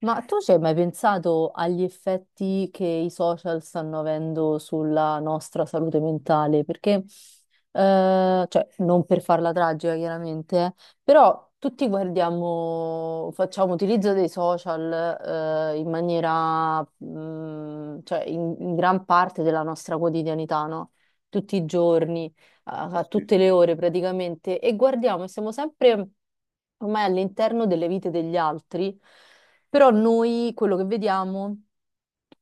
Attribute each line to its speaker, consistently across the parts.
Speaker 1: Ma tu ci hai mai pensato agli effetti che i social stanno avendo sulla nostra salute mentale? Perché, cioè, non per farla tragica, chiaramente, però tutti guardiamo, facciamo utilizzo dei social, in maniera, cioè, in gran parte della nostra quotidianità, no? Tutti i giorni, a
Speaker 2: Sì, sì.
Speaker 1: tutte le ore praticamente, e guardiamo e siamo sempre ormai all'interno delle vite degli altri. Però noi quello che vediamo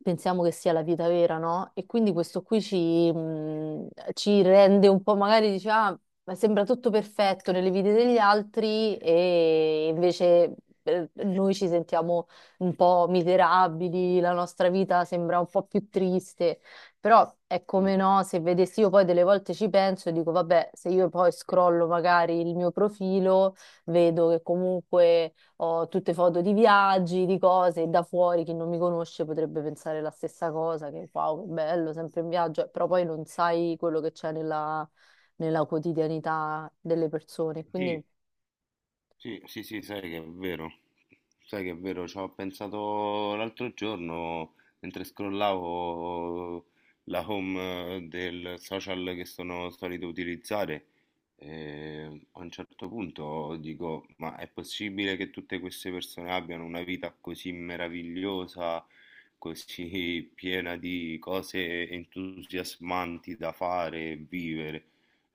Speaker 1: pensiamo che sia la vita vera, no? E quindi questo qui ci rende un po', magari dice, ah, ma sembra tutto perfetto nelle vite degli altri e invece noi ci sentiamo un po' miserabili, la nostra vita sembra un po' più triste. Però è
Speaker 2: mm,
Speaker 1: come no, se vedessi io poi delle volte ci penso e dico, vabbè, se io poi scrollo magari il mio profilo, vedo che comunque ho tutte foto di viaggi, di cose, e da fuori chi non mi conosce potrebbe pensare la stessa cosa, che wow, che bello, sempre in viaggio, però poi non sai quello che c'è nella, nella quotidianità delle persone. Quindi
Speaker 2: sì, sì, sì, Sì, sai che è vero, sai che è vero, ci ho pensato l'altro giorno mentre scrollavo la home del social che sono solito utilizzare, e a un certo punto dico, ma è possibile che tutte queste persone abbiano una vita così meravigliosa, così piena di cose entusiasmanti da fare e vivere?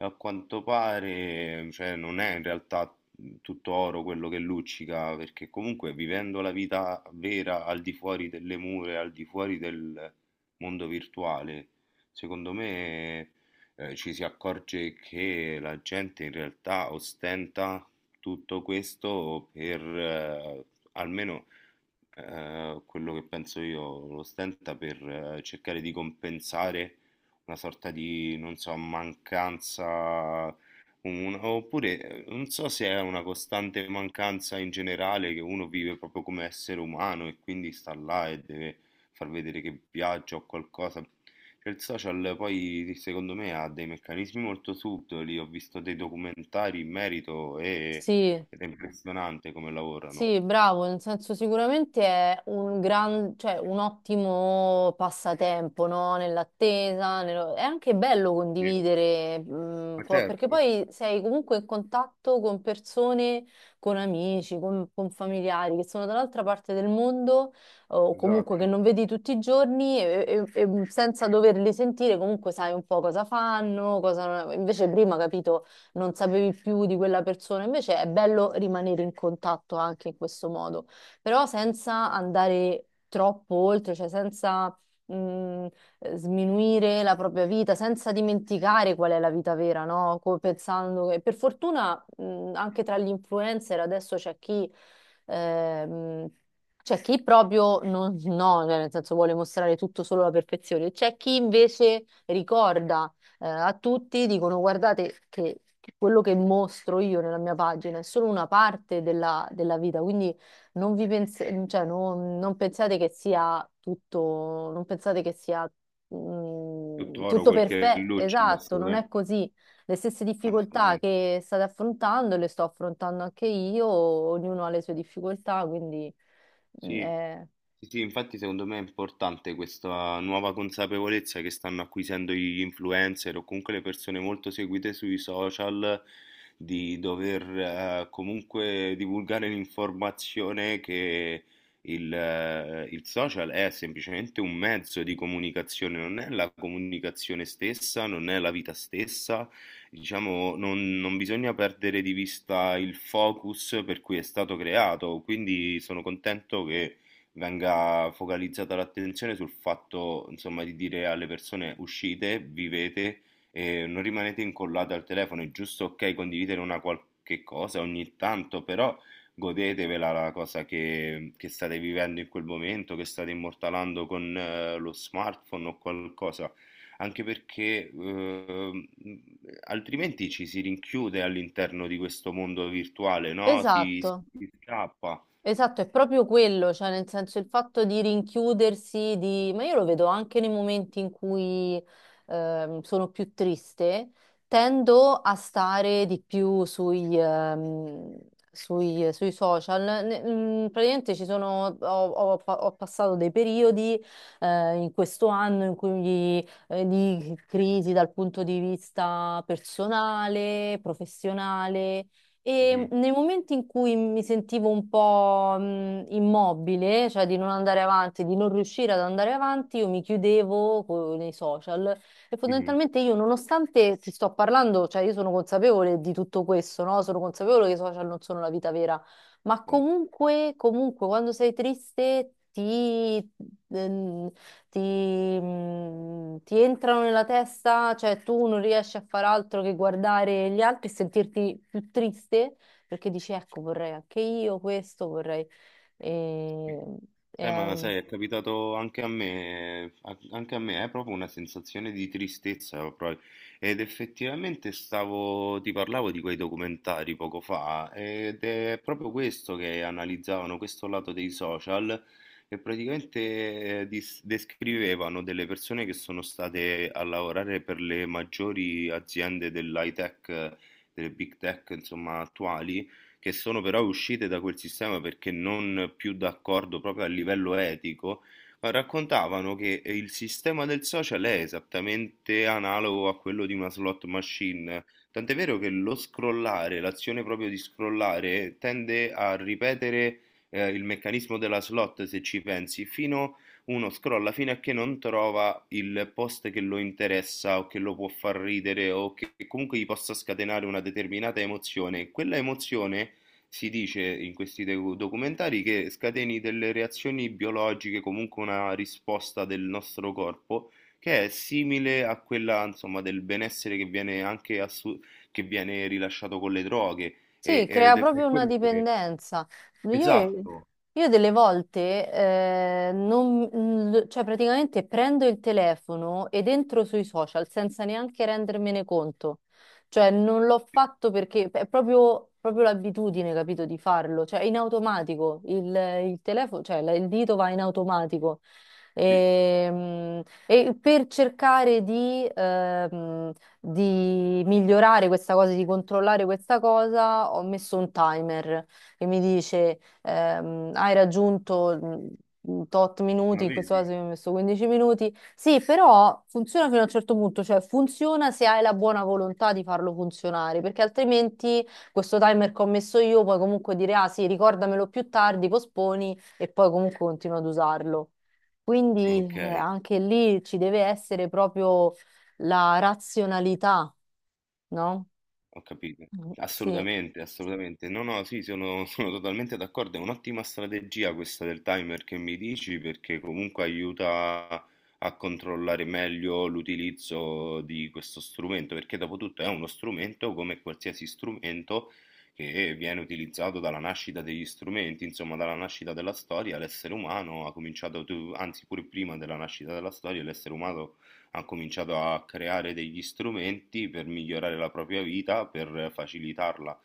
Speaker 2: A quanto pare, cioè, non è in realtà tutto oro quello che luccica, perché comunque vivendo la vita vera al di fuori delle mura, al di fuori del mondo virtuale, secondo me, ci si accorge che la gente in realtà ostenta tutto questo per, almeno quello che penso io lo stenta per cercare di compensare una sorta di, non so, mancanza, oppure non so se è una costante mancanza in generale che uno vive proprio come essere umano, e quindi sta là e deve far vedere che viaggia o qualcosa. Cioè, il social poi secondo me ha dei meccanismi molto subdoli, ho visto dei documentari in merito, e,
Speaker 1: sì,
Speaker 2: ed è impressionante come lavorano.
Speaker 1: sì, bravo, nel senso sicuramente è un gran, cioè un ottimo passatempo, no? Nell'attesa, è anche bello
Speaker 2: Sì.
Speaker 1: condividere,
Speaker 2: Ma
Speaker 1: perché
Speaker 2: certo.
Speaker 1: poi sei comunque in contatto con persone, con amici, con familiari che sono dall'altra parte del mondo o comunque che
Speaker 2: Esatto,
Speaker 1: non vedi tutti i giorni e senza doverli sentire comunque sai un po' cosa fanno, Invece prima, capito? Non sapevi più di quella persona. Invece è bello rimanere in contatto anche in questo modo, però senza andare troppo oltre, cioè senza mh, sminuire la propria vita, senza dimenticare qual è la vita vera, no? Pensando che per fortuna anche tra gli influencer adesso c'è chi ehm, c'è chi proprio non, no, cioè nel senso vuole mostrare tutto solo la perfezione, c'è chi invece ricorda a tutti, dicono guardate che quello che mostro io nella mia pagina è solo una parte della, della vita, quindi non vi pens- cioè, non pensate che sia tutto, non pensate che sia
Speaker 2: più toro
Speaker 1: tutto
Speaker 2: quel che
Speaker 1: perfetto,
Speaker 2: luccica,
Speaker 1: esatto, non è
Speaker 2: assolutamente,
Speaker 1: così. Le stesse difficoltà
Speaker 2: assolutamente.
Speaker 1: che state affrontando le sto affrontando anche io, ognuno ha le sue difficoltà, mm,
Speaker 2: sì,
Speaker 1: è-
Speaker 2: sì, sì, infatti secondo me è importante questa nuova consapevolezza che stanno acquisendo gli influencer o comunque le persone molto seguite sui social, di dover comunque divulgare l'informazione che il social è semplicemente un mezzo di comunicazione, non è la comunicazione stessa, non è la vita stessa. Diciamo, non bisogna perdere di vista il focus per cui è stato creato, quindi sono contento che venga focalizzata l'attenzione sul fatto, insomma, di dire alle persone uscite, vivete e non rimanete incollate al telefono. È giusto, ok, condividere una qualche cosa ogni tanto, però godetevela la cosa che state vivendo in quel momento, che state immortalando con lo smartphone o qualcosa. Anche perché altrimenti ci si rinchiude all'interno di questo mondo virtuale, no? Si,
Speaker 1: Esatto.
Speaker 2: si scappa.
Speaker 1: Esatto, è proprio quello, cioè nel senso il fatto di rinchiudersi, di... ma io lo vedo anche nei momenti in cui sono più triste, tendo a stare di più sui social. Praticamente ci sono, ho passato dei periodi in questo anno in cui di crisi dal punto di vista personale, professionale. E
Speaker 2: Mhm,
Speaker 1: nei momenti in cui mi sentivo un po' immobile, cioè di non andare avanti, di non riuscire ad andare avanti, io mi chiudevo nei social e
Speaker 2: mhm,
Speaker 1: fondamentalmente io, nonostante ti sto parlando, cioè io sono consapevole di tutto questo, no? Sono consapevole che i social non sono la vita vera, ma
Speaker 2: certo.
Speaker 1: comunque, comunque quando sei triste ehm, ti, ti entrano nella testa, cioè tu non riesci a far altro che guardare gli altri e sentirti più triste perché dici, ecco, vorrei anche io questo, vorrei... ehm, E, è,
Speaker 2: Ma sai, è capitato anche a me, anche a me, è proprio una sensazione di tristezza, proprio. Ed effettivamente stavo, ti parlavo di quei documentari poco fa, ed è proprio questo che analizzavano, questo lato dei social, che praticamente descrivevano delle persone che sono state a lavorare per le maggiori aziende dell'high tech, delle big tech, insomma, attuali, che sono però uscite da quel sistema perché non più d'accordo proprio a livello etico, ma raccontavano che il sistema del social è esattamente analogo a quello di una slot machine. Tant'è vero che lo scrollare, l'azione proprio di scrollare, tende a ripetere il meccanismo della slot, se ci pensi, fino uno scrolla fino a che non trova il post che lo interessa o che lo può far ridere o che comunque gli possa scatenare una determinata emozione. Quella emozione, si dice in questi documentari, che scateni delle reazioni biologiche, comunque una risposta del nostro corpo che è simile a quella, insomma, del benessere che viene anche che viene rilasciato con le droghe,
Speaker 1: Sì, crea
Speaker 2: ed è
Speaker 1: proprio
Speaker 2: per
Speaker 1: una
Speaker 2: quello che.
Speaker 1: dipendenza. Io,
Speaker 2: Esatto.
Speaker 1: io delle volte, cioè praticamente prendo il telefono ed entro sui social senza neanche rendermene conto. Cioè non l'ho fatto perché è proprio, proprio l'abitudine, capito, di farlo. Cioè in automatico, il telefono, cioè il dito va in automatico.
Speaker 2: Sì,
Speaker 1: E, per cercare di migliorare questa cosa, di controllare questa cosa, ho messo un timer che mi dice hai raggiunto tot minuti,
Speaker 2: ma
Speaker 1: in questo caso
Speaker 2: vedi?
Speaker 1: io ho messo 15 minuti. Sì, però funziona fino a un certo punto, cioè funziona se hai la buona volontà di farlo funzionare, perché altrimenti questo timer che ho messo io puoi comunque dire ah sì, ricordamelo più tardi, posponi e poi comunque continua ad usarlo. Quindi
Speaker 2: Ok.
Speaker 1: anche lì ci deve essere proprio la razionalità, no?
Speaker 2: Ho capito.
Speaker 1: Mm, sì,
Speaker 2: Assolutamente, assolutamente. No, no, sì, sono, sono totalmente d'accordo. È un'ottima strategia questa del timer che mi dici, perché comunque aiuta a controllare meglio l'utilizzo di questo strumento, perché dopo tutto è uno strumento come qualsiasi strumento che viene utilizzato dalla nascita degli strumenti, insomma, dalla nascita della storia, l'essere umano ha cominciato, anzi pure prima della nascita della storia, l'essere umano ha cominciato a creare degli strumenti per migliorare la propria vita, per facilitarla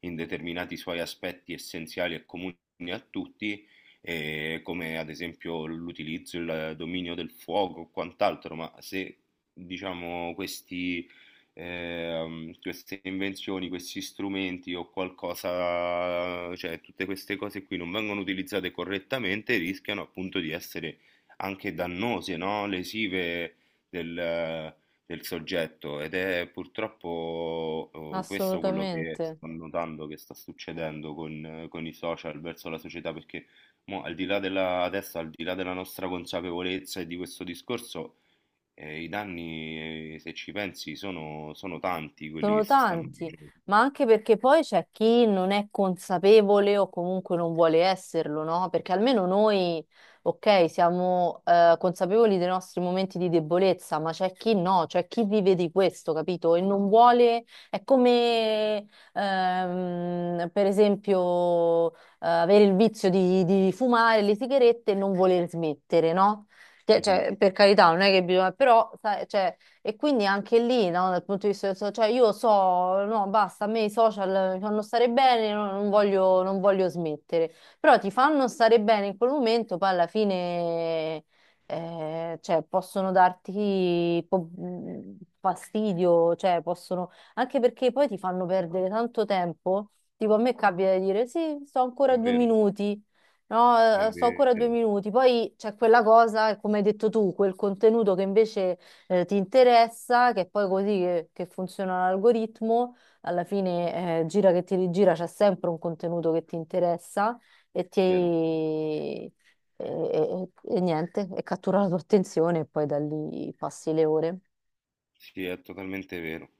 Speaker 2: in determinati suoi aspetti essenziali e comuni a tutti, come ad esempio l'utilizzo, il dominio del fuoco o quant'altro, ma se diciamo queste invenzioni, questi strumenti o qualcosa, cioè tutte queste cose qui non vengono utilizzate correttamente, rischiano appunto di essere anche dannose, no? Lesive del soggetto, ed è purtroppo questo quello che
Speaker 1: assolutamente.
Speaker 2: sto notando che sta succedendo con, i social verso la società, perché mo, al di là della, adesso al di là della nostra consapevolezza e di questo discorso, i danni se ci pensi sono, tanti quelli che
Speaker 1: Sono
Speaker 2: si stanno
Speaker 1: tanti,
Speaker 2: facendo.
Speaker 1: ma anche perché poi c'è chi non è consapevole o comunque non vuole esserlo, no? Perché almeno noi, ok, siamo consapevoli dei nostri momenti di debolezza, ma c'è chi no, c'è chi vive di questo, capito? E non vuole, è come per esempio avere il vizio di fumare le sigarette e non voler smettere, no? Che-
Speaker 2: Mhm,
Speaker 1: Cioè, per carità, non è che bisogna, però sai, cioè, e quindi anche lì, no, dal punto di vista del cioè io so, no, basta, a me i social mi fanno stare bene, no, non voglio, non voglio smettere. Però ti fanno stare bene in quel momento, poi alla fine, cioè, possono darti fastidio, cioè, possono, anche perché poi ti fanno perdere tanto tempo. Tipo, a me capita di dire, sì, sto
Speaker 2: è
Speaker 1: ancora due
Speaker 2: vero,
Speaker 1: minuti.
Speaker 2: è
Speaker 1: No, sto ancora
Speaker 2: vero,
Speaker 1: 2 minuti. Poi c'è quella cosa, come hai detto tu, quel contenuto che invece ti interessa, che poi così che funziona l'algoritmo, alla fine gira che ti rigira, c'è sempre un contenuto che ti interessa e ti...
Speaker 2: è vero,
Speaker 1: E- e niente, e cattura la tua attenzione e poi da lì passi le ore.
Speaker 2: sì, è totalmente vero.